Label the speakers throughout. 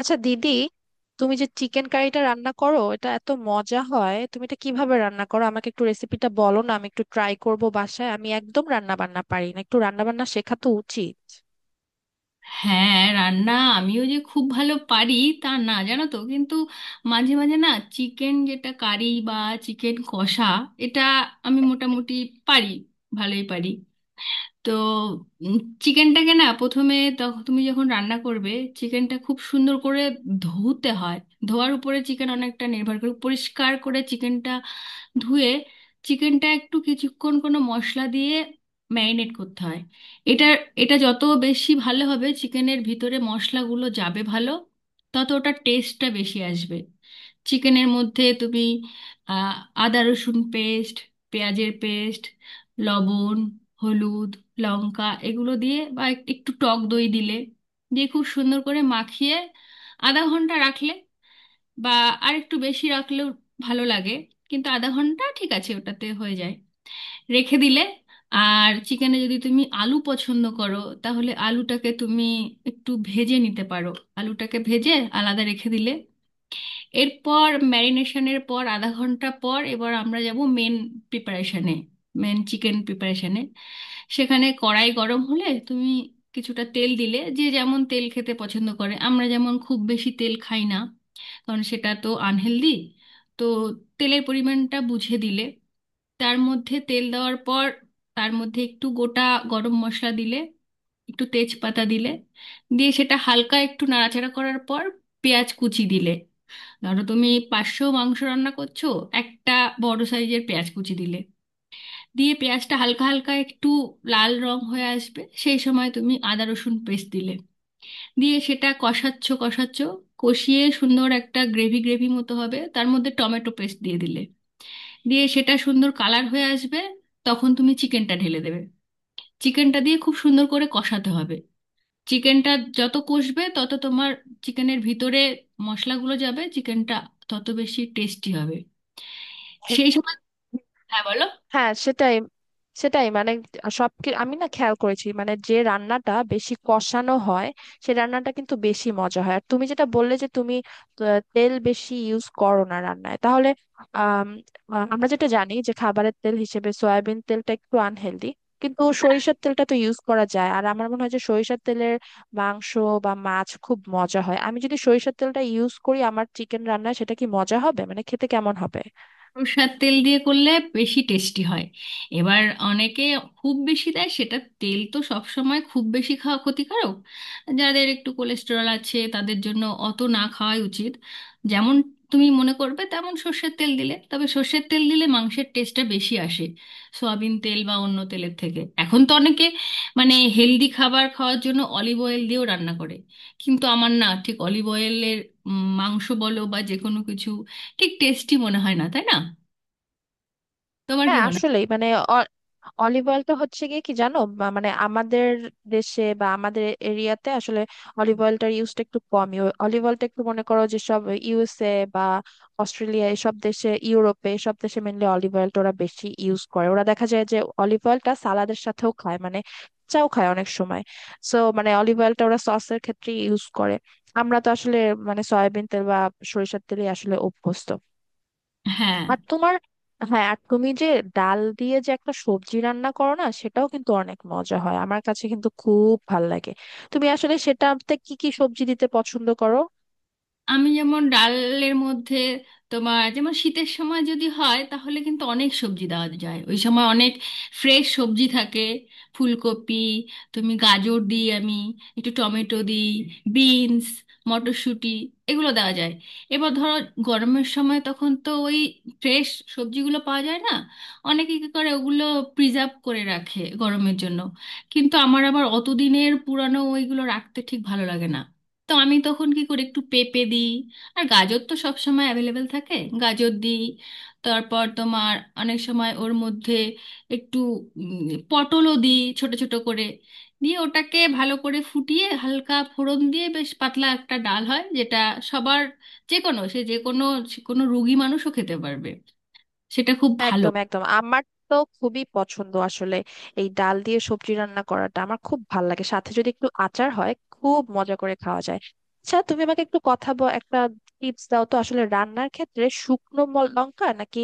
Speaker 1: আচ্ছা দিদি, তুমি যে চিকেন কারিটা রান্না করো এটা এত মজা হয়, তুমি এটা কিভাবে রান্না করো? আমাকে একটু রেসিপিটা বলো না, আমি একটু ট্রাই করব বাসায়। আমি একদম রান্না বান্না পারি না, একটু রান্না বান্না শেখা তো উচিত।
Speaker 2: হ্যাঁ, রান্না আমিও যে খুব ভালো পারি তা না, জানো তো, কিন্তু মাঝে মাঝে না চিকেন যেটা কারি বা চিকেন কষা এটা আমি মোটামুটি পারি, ভালোই পারি। তো চিকেনটাকে না প্রথমে, তখন তুমি যখন রান্না করবে চিকেনটা খুব সুন্দর করে ধুতে হয়। ধোয়ার উপরে চিকেন অনেকটা নির্ভর করে। পরিষ্কার করে চিকেনটা ধুয়ে চিকেনটা একটু কিছুক্ষণ কোনো মশলা দিয়ে ম্যারিনেট করতে হয়। এটা এটা যত বেশি ভালো হবে, চিকেনের ভিতরে মশলাগুলো যাবে ভালো, তত ওটার টেস্টটা বেশি আসবে। চিকেনের মধ্যে তুমি আহ, আদা রসুন পেস্ট, পেঁয়াজের পেস্ট, লবণ, হলুদ, লঙ্কা এগুলো দিয়ে বা একটু টক দই দিলে, দিয়ে খুব সুন্দর করে মাখিয়ে আধা ঘন্টা রাখলে বা আর একটু বেশি রাখলেও ভালো লাগে, কিন্তু আধা ঘন্টা ঠিক আছে, ওটাতে হয়ে যায় রেখে দিলে। আর চিকেনে যদি তুমি আলু পছন্দ করো তাহলে আলুটাকে তুমি একটু ভেজে নিতে পারো। আলুটাকে ভেজে আলাদা রেখে দিলে এরপর ম্যারিনেশনের পর আধা ঘন্টা পর এবার আমরা যাব মেন প্রিপারেশনে, মেন চিকেন প্রিপারেশনে। সেখানে কড়াই গরম হলে তুমি কিছুটা তেল দিলে, যে যেমন তেল খেতে পছন্দ করে, আমরা যেমন খুব বেশি তেল খাই না, কারণ সেটা তো আনহেলদি। তো তেলের পরিমাণটা বুঝে দিলে, তার মধ্যে তেল দেওয়ার পর তার মধ্যে একটু গোটা গরম মশলা দিলে, একটু তেজপাতা দিলে, দিয়ে সেটা হালকা একটু নাড়াচাড়া করার পর পেঁয়াজ কুচি দিলে। ধরো তুমি 500 মাংস রান্না করছো, একটা বড় সাইজের পেঁয়াজ কুচি দিলে, দিয়ে পেঁয়াজটা হালকা হালকা একটু লাল রং হয়ে আসবে, সেই সময় তুমি আদা রসুন পেস্ট দিলে, দিয়ে সেটা কষাচ্ছ কষাচ্ছ কষিয়ে সুন্দর একটা গ্রেভি গ্রেভি মতো হবে, তার মধ্যে টমেটো পেস্ট দিয়ে দিলে, দিয়ে সেটা সুন্দর কালার হয়ে আসবে। তখন তুমি চিকেনটা ঢেলে দেবে, চিকেনটা দিয়ে খুব সুন্দর করে কষাতে হবে চিকেনটা। যত কষবে তত তোমার চিকেনের ভিতরে মশলাগুলো যাবে, চিকেনটা তত বেশি টেস্টি হবে। সেই সময় হ্যাঁ বলো।
Speaker 1: হ্যাঁ, সেটাই। সেটাই। আমি না খেয়াল করেছি মানে যে রান্নাটা বেশি কষানো হয় সে রান্নাটা কিন্তু বেশি মজা হয়। আর তুমি যেটা বললে যে তুমি তেল বেশি ইউজ করো না রান্নায় তাহলে, আম, আমরা যেটা জানি যে খাবারের তেল হিসেবে সয়াবিন তেলটা একটু আনহেলদি, কিন্তু সরিষার তেলটা তো ইউজ করা যায়। আর আমার মনে হয় যে সরিষার তেলের মাংস বা মাছ খুব মজা হয়। আমি যদি সরিষার তেলটা ইউজ করি আমার চিকেন রান্নায়, সেটা কি মজা হবে? মানে খেতে কেমন হবে?
Speaker 2: সরষের তেল দিয়ে করলে বেশি টেস্টি হয়। এবার অনেকে খুব বেশি দেয় সেটা, তেল তো সব সময় খুব বেশি খাওয়া ক্ষতিকারক, যাদের একটু কোলেস্টেরল আছে তাদের জন্য অত না খাওয়াই উচিত। যেমন তুমি মনে করবে তেমন সর্ষের তেল দিলে, তবে সর্ষের তেল দিলে মাংসের টেস্টটা বেশি আসে সয়াবিন তেল বা অন্য তেলের থেকে। এখন তো অনেকে মানে হেলদি খাবার খাওয়ার জন্য অলিভ অয়েল দিয়েও রান্না করে, কিন্তু আমার না ঠিক অলিভ অয়েলের মাংস বলো বা যে কোনো কিছু ঠিক টেস্টি মনে হয় না, তাই না? তোমার কি
Speaker 1: হ্যাঁ,
Speaker 2: মনে হয়?
Speaker 1: আসলেই মানে অ- অলিভ অয়েল তো হচ্ছে গিয়ে, কি জানো, বা মানে আমাদের দেশে বা আমাদের এরিয়াতে আসলে অলিভ অয়েলটার ইউজটা একটু কমই। অলিভ অয়েলটা একটু মনে করো, যেসব ইউএসএ বা অস্ট্রেলিয়া এসব দেশে, ইউরোপে এসব দেশে মেনলি অলিভ অয়েলটা ওরা বেশি ইউজ করে। ওরা দেখা যায় যে অলিভ অয়েলটা সালাদের সাথেও খায়, মানে চাও খায় অনেক সময়। সো মানে অলিভ অয়েলটা ওরা সসের ক্ষেত্রে ইউজ করে। আমরা তো আসলে মানে সয়াবিন তেল বা সরিষার তেলই আসলে অভ্যস্ত।
Speaker 2: হ্যাঁ,
Speaker 1: আর তোমার, হ্যাঁ, আর তুমি যে ডাল দিয়ে যে একটা সবজি রান্না করো না, সেটাও কিন্তু অনেক মজা হয়, আমার কাছে কিন্তু খুব ভাল লাগে। তুমি আসলে সেটাতে কি কি সবজি দিতে পছন্দ করো?
Speaker 2: আমি যেমন ডালের মধ্যে তোমার যেমন শীতের সময় যদি হয় তাহলে কিন্তু অনেক সবজি দেওয়া যায়, ওই সময় অনেক ফ্রেশ সবজি থাকে। ফুলকপি, তুমি গাজর দিই আমি, একটু টমেটো দিই, বিনস, মটরশুঁটি এগুলো দেওয়া যায়। এবার ধরো গরমের সময় তখন তো ওই ফ্রেশ সবজিগুলো পাওয়া যায় না। অনেকে কী করে ওগুলো প্রিজার্ভ করে রাখে গরমের জন্য, কিন্তু আমার আবার অতদিনের পুরানো ওইগুলো রাখতে ঠিক ভালো লাগে না। তো আমি তখন কি করি একটু পেঁপে দিই, আর গাজর তো সব সময় অ্যাভেলেবেল থাকে, গাজর দিই। তারপর তোমার অনেক সময় ওর মধ্যে একটু পটলও দিই ছোট ছোট করে, দিয়ে ওটাকে ভালো করে ফুটিয়ে হালকা ফোড়ন দিয়ে বেশ পাতলা একটা ডাল হয় যেটা সবার, যে কোনো রুগী মানুষও খেতে পারবে, সেটা খুব ভালো।
Speaker 1: একদম একদম, আমার তো খুবই পছন্দ আসলে এই ডাল দিয়ে সবজি রান্না করাটা, আমার খুব ভাল লাগে। সাথে যদি একটু আচার হয় খুব মজা করে খাওয়া যায়। আচ্ছা, তুমি আমাকে একটু একটা টিপস দাও তো আসলে, রান্নার ক্ষেত্রে শুকনো লঙ্কা নাকি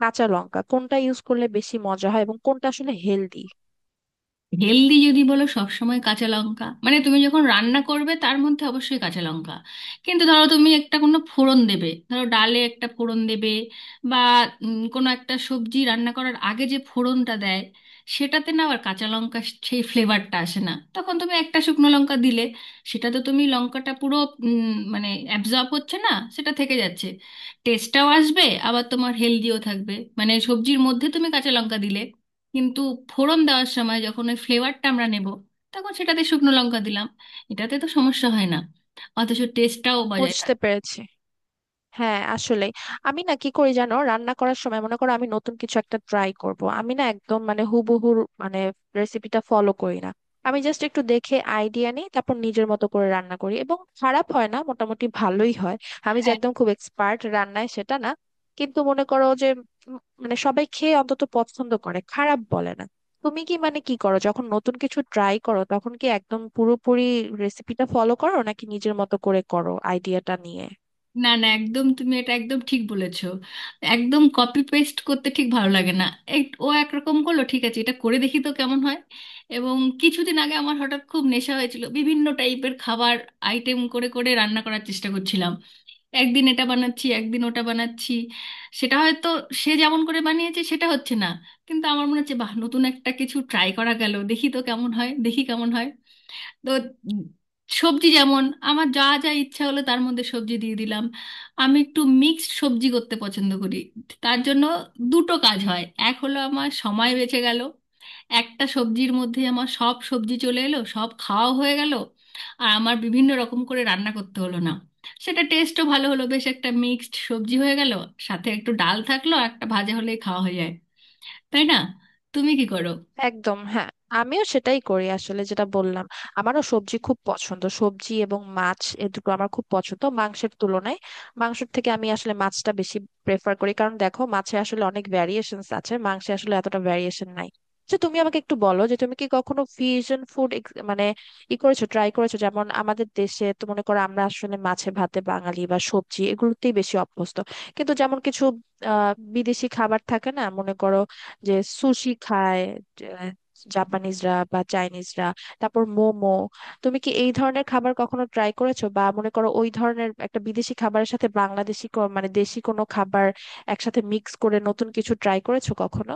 Speaker 1: কাঁচা লঙ্কা কোনটা ইউজ করলে বেশি মজা হয় এবং কোনটা আসলে হেলদি?
Speaker 2: হেলদি যদি বলো সবসময় কাঁচা লঙ্কা, মানে তুমি যখন রান্না করবে তার মধ্যে অবশ্যই কাঁচা লঙ্কা। কিন্তু ধরো তুমি একটা কোনো ফোড়ন দেবে, ধরো ডালে একটা ফোড়ন দেবে বা কোনো একটা সবজি রান্না করার আগে যে ফোড়নটা দেয়, সেটাতে না আবার কাঁচা লঙ্কা সেই ফ্লেভারটা আসে না, তখন তুমি একটা শুকনো লঙ্কা দিলে সেটা তো তুমি লঙ্কাটা পুরো মানে অ্যাবজর্ব হচ্ছে না, সেটা থেকে যাচ্ছে, টেস্টটাও আসবে আবার তোমার হেলদিও থাকবে। মানে সবজির মধ্যে তুমি কাঁচা লঙ্কা দিলে, কিন্তু ফোড়ন দেওয়ার সময় যখন ওই ফ্লেভারটা আমরা নেব তখন সেটাতে শুকনো লঙ্কা দিলাম, এটাতে তো সমস্যা হয় না, অথচ টেস্টটাও বজায়
Speaker 1: বুঝতে
Speaker 2: থাকে।
Speaker 1: পেরেছি। হ্যাঁ, আসলে আমি না কি করি জানো, রান্না করার সময় মনে করো আমি নতুন কিছু একটা ট্রাই করব, আমি না একদম মানে হুবহু মানে রেসিপিটা ফলো করি না। আমি জাস্ট একটু দেখে আইডিয়া নিই, তারপর নিজের মতো করে রান্না করি, এবং খারাপ হয় না, মোটামুটি ভালোই হয়। আমি যে
Speaker 2: হ্যাঁ,
Speaker 1: একদম খুব এক্সপার্ট রান্নায় সেটা না, কিন্তু মনে করো যে মানে সবাই খেয়ে অন্তত পছন্দ করে, খারাপ বলে না। তুমি কি মানে কি করো যখন নতুন কিছু ট্রাই করো, তখন কি একদম পুরোপুরি রেসিপিটা ফলো করো নাকি নিজের মতো করে করো আইডিয়াটা নিয়ে?
Speaker 2: না না, একদম তুমি এটা একদম ঠিক বলেছো, একদম কপি পেস্ট করতে ঠিক ভালো লাগে না। এই ও একরকম করলো, ঠিক আছে এটা করে দেখি তো কেমন হয়। এবং কিছুদিন আগে আমার হঠাৎ খুব নেশা হয়েছিল বিভিন্ন টাইপের খাবার আইটেম করে করে রান্না করার চেষ্টা করছিলাম। একদিন এটা বানাচ্ছি, একদিন ওটা বানাচ্ছি, সেটা হয়তো সে যেমন করে বানিয়েছে সেটা হচ্ছে না, কিন্তু আমার মনে হচ্ছে বাহ, নতুন একটা কিছু ট্রাই করা গেল, দেখি কেমন হয়। তো সবজি যেমন আমার যা যা ইচ্ছা হলো তার মধ্যে সবজি দিয়ে দিলাম। আমি একটু মিক্সড সবজি করতে পছন্দ করি। তার জন্য দুটো কাজ হয়, এক হলো আমার সময় বেঁচে গেল, একটা সবজির মধ্যে আমার সব সবজি চলে এলো, সব খাওয়া হয়ে গেল, আর আমার বিভিন্ন রকম করে রান্না করতে হলো না, সেটা টেস্টও ভালো হলো, বেশ একটা মিক্সড সবজি হয়ে গেল। সাথে একটু ডাল থাকলো আর একটা ভাজা হলেই খাওয়া হয়ে যায়, তাই না? তুমি কি করো?
Speaker 1: একদম, হ্যাঁ, আমিও সেটাই করি আসলে, যেটা বললাম। আমারও সবজি খুব পছন্দ, সবজি এবং মাছ এ দুটো আমার খুব পছন্দ মাংসের তুলনায়। মাংসের থেকে আমি আসলে মাছটা বেশি প্রেফার করি, কারণ দেখো মাছে আসলে অনেক ভ্যারিয়েশনস আছে, মাংসে আসলে এতটা ভ্যারিয়েশন নাই। তো তুমি আমাকে একটু বলো যে তুমি কি কখনো ফিউশন ফুড মানে ই করেছো, ট্রাই করেছো? যেমন আমাদের দেশে তো মনে করো আমরা আসলে মাছে ভাতে বাঙালি, বা সবজি এগুলোতেই বেশি অভ্যস্ত। কিন্তু যেমন কিছু বিদেশি খাবার থাকে না, মনে করো যে সুশি খায় আহ, জাপানিজরা বা চাইনিজরা, তারপর মোমো। তুমি কি এই ধরনের খাবার কখনো ট্রাই করেছো, বা মনে করো ওই ধরনের একটা বিদেশি খাবারের সাথে বাংলাদেশি মানে দেশি কোনো খাবার একসাথে মিক্স করে নতুন কিছু ট্রাই করেছো কখনো?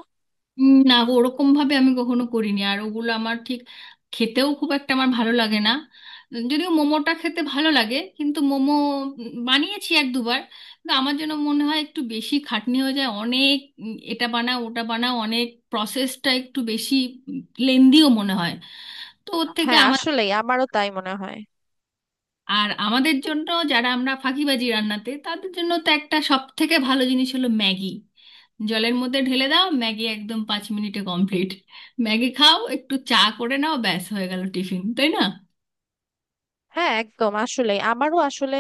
Speaker 2: না, ওরকম ভাবে আমি কখনো করিনি, আর ওগুলো আমার ঠিক খেতেও খুব একটা আমার ভালো লাগে না। যদিও মোমোটা খেতে ভালো লাগে, কিন্তু মোমো বানিয়েছি এক দুবার, কিন্তু আমার যেন মনে হয় একটু বেশি খাটনি হয়ে যায় অনেক। এটা বানাও ওটা বানাও, অনেক প্রসেসটা একটু বেশি লেন্দিও মনে হয়। তো ওর থেকে
Speaker 1: হ্যাঁ
Speaker 2: আমার,
Speaker 1: আসলেই, আমারও তাই মনে হয়।
Speaker 2: আর আমাদের জন্য যারা আমরা ফাঁকিবাজি রান্নাতে তাদের জন্য তো একটা সব থেকে ভালো জিনিস হলো ম্যাগি। জলের মধ্যে ঢেলে দাও ম্যাগি, একদম 5 মিনিটে কমপ্লিট। ম্যাগি খাও, একটু চা করে নাও, ব্যাস হয়ে গেল টিফিন, তাই না?
Speaker 1: হ্যাঁ একদম, আসলে আমারও আসলে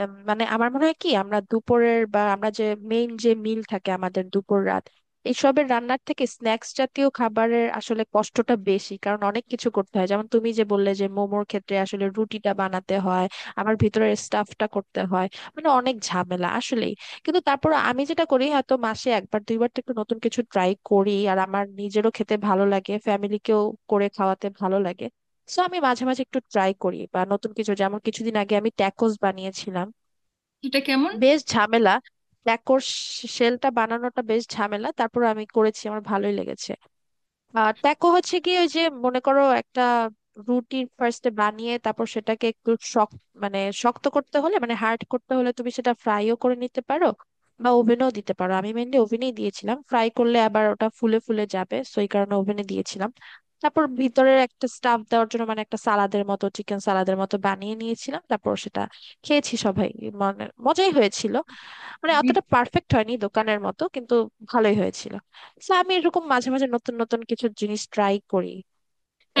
Speaker 1: মানে আমার মনে হয় কি, আমরা দুপুরের বা আমরা যে মেইন যে মিল থাকে আমাদের দুপুর রাত এইসবের রান্নার থেকে স্ন্যাক্স জাতীয় খাবারের আসলে কষ্টটা বেশি, কারণ অনেক কিছু করতে হয়। যেমন তুমি যে বললে যে মোমোর ক্ষেত্রে আসলে রুটিটা বানাতে হয়, আবার ভিতরের স্টাফটা করতে হয়, মানে অনেক ঝামেলা আসলেই। কিন্তু তারপর আমি যেটা করি হয়তো মাসে একবার দুইবার তো একটু নতুন কিছু ট্রাই করি, আর আমার নিজেরও খেতে ভালো লাগে, ফ্যামিলিকেও করে খাওয়াতে ভালো লাগে। সো আমি মাঝে মাঝে একটু ট্রাই করি বা নতুন কিছু, যেমন কিছুদিন আগে আমি ট্যাকোস বানিয়েছিলাম।
Speaker 2: এটা কেমন?
Speaker 1: বেশ ঝামেলা, ট্যাকোর শেলটা বানানোটা বেশ ঝামেলা। তারপর আমি করেছি, আমার ভালোই লেগেছে। আহ, ট্যাকো হচ্ছে কি, ওই যে মনে করো একটা রুটি ফার্স্টে বানিয়ে তারপর সেটাকে একটু শক্ত, মানে শক্ত করতে হলে মানে হার্ড করতে হলে, তুমি সেটা ফ্রাইও করে নিতে পারো বা ওভেনও দিতে পারো। আমি মেনলি ওভেনেই দিয়েছিলাম, ফ্রাই করলে আবার ওটা ফুলে ফুলে যাবে সো এই কারণে ওভেনে দিয়েছিলাম। তারপর ভিতরের একটা স্টাফ দেওয়ার জন্য মানে একটা সালাদের মতো, চিকেন সালাদের মতো বানিয়ে নিয়েছিলাম, তারপর সেটা খেয়েছি সবাই। মানে মজাই হয়েছিল, মানে
Speaker 2: বি-
Speaker 1: অতটা পারফেক্ট হয়নি দোকানের মতো, কিন্তু ভালোই হয়েছিল। তো আমি এরকম মাঝে মাঝে নতুন নতুন কিছু জিনিস ট্রাই করি,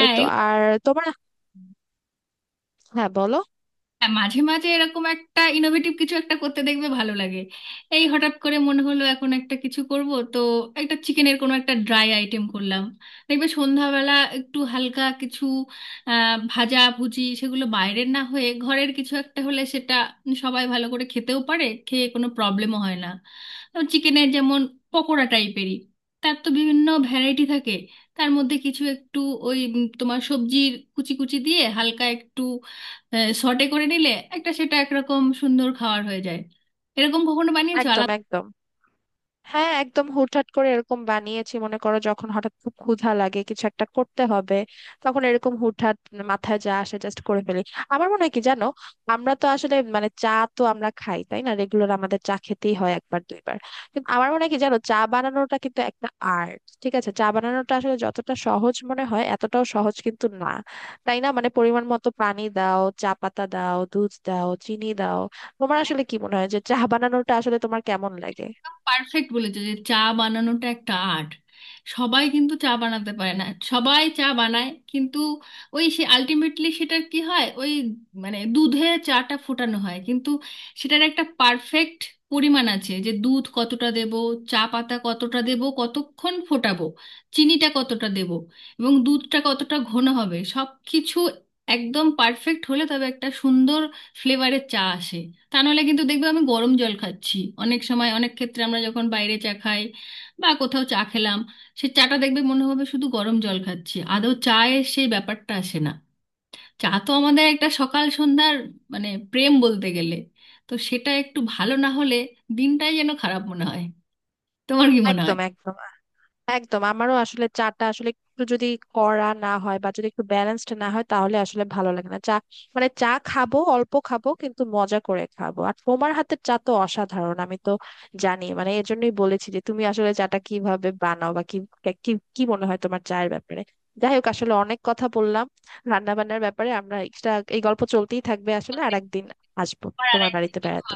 Speaker 1: এই তো।
Speaker 2: এগুলো,
Speaker 1: আর তোমার, হ্যাঁ বলো।
Speaker 2: হ্যাঁ মাঝে মাঝে এরকম একটা ইনোভেটিভ কিছু একটা করতে দেখবে ভালো লাগে। এই হঠাৎ করে মনে হলো এখন একটা কিছু করব, তো একটা চিকেনের কোনো একটা ড্রাই আইটেম করলাম, দেখবে সন্ধ্যাবেলা একটু হালকা কিছু, আহ ভাজা ভুজি, সেগুলো বাইরের না হয়ে ঘরের কিছু একটা হলে সেটা সবাই ভালো করে খেতেও পারে, খেয়ে কোনো প্রবলেমও হয় না। চিকেনের যেমন পকোড়া টাইপেরই, তার তো বিভিন্ন ভ্যারাইটি থাকে। তার মধ্যে কিছু একটু ওই তোমার সবজির কুচি কুচি দিয়ে হালকা একটু শর্টে করে নিলে একটা সেটা একরকম সুন্দর খাবার হয়ে যায়। এরকম কখনো বানিয়েছো?
Speaker 1: একদম একদম, হ্যাঁ একদম হুটহাট করে এরকম বানিয়েছি, মনে করো যখন হঠাৎ খুব ক্ষুধা লাগে কিছু একটা করতে হবে, তখন এরকম হুটহাট মাথায় যা আসে জাস্ট করে ফেলি। আমার মনে হয় কি জানো, আমরা তো আসলে মানে চা তো আমরা খাই তাই না, রেগুলার আমাদের চা খেতেই হয় একবার দুইবার। কিন্তু আমার মনে হয় কি জানো, চা বানানোটা কিন্তু একটা আর্ট, ঠিক আছে? চা বানানোটা আসলে যতটা সহজ মনে হয় এতটাও সহজ কিন্তু না, তাই না? মানে পরিমাণ মতো পানি দাও, চা পাতা দাও, দুধ দাও, চিনি দাও। তোমার আসলে কি মনে হয় যে চা বানানোটা আসলে তোমার কেমন লাগে?
Speaker 2: পারফেক্ট বলেছো যে চা বানানোটা একটা আর্ট। সবাই কিন্তু চা বানাতে পারে না, সবাই চা বানায়, কিন্তু ওই সে আলটিমেটলি সেটার কি হয়, ওই মানে দুধে চাটা ফোটানো হয়, কিন্তু সেটার একটা পারফেক্ট পরিমাণ আছে যে দুধ কতটা দেব, চা পাতা কতটা দেব, কতক্ষণ ফোটাবো, চিনিটা কতটা দেব, এবং দুধটা কতটা ঘন হবে, সব কিছু একদম পারফেক্ট হলে তবে একটা সুন্দর ফ্লেভারের চা আসে। তা নাহলে কিন্তু দেখবে আমি গরম জল খাচ্ছি। অনেক সময় অনেক ক্ষেত্রে আমরা যখন বাইরে চা খাই বা কোথাও চা খেলাম, সে চাটা দেখবে মনে হবে শুধু গরম জল খাচ্ছি, আদৌ চায়ের সেই ব্যাপারটা আসে না। চা তো আমাদের একটা সকাল সন্ধ্যার মানে প্রেম বলতে গেলে, তো সেটা একটু ভালো না হলে দিনটাই যেন খারাপ মনে হয়। তোমার কি মনে হয়?
Speaker 1: একদম একদম, একদম আমারও আসলে চাটা আসলে একটু যদি কড়া না হয় বা যদি একটু ব্যালেন্সড না হয় তাহলে আসলে ভালো লাগে না চা। মানে চা খাবো অল্প খাবো কিন্তু মজা করে খাবো। আর তোমার হাতের চা তো অসাধারণ, আমি তো জানি, মানে এর জন্যই বলেছি যে তুমি আসলে চাটা কিভাবে বানাও বা কি কি কি মনে হয় তোমার চায়ের ব্যাপারে। যাই হোক, আসলে অনেক কথা বললাম রান্না বান্নার ব্যাপারে। আমরা এক্সট্রা এই গল্প চলতেই থাকবে আসলে, আর একদিন আসবো
Speaker 2: আমার
Speaker 1: তোমার
Speaker 2: আরেকটা
Speaker 1: বাড়িতে বেড়াতে।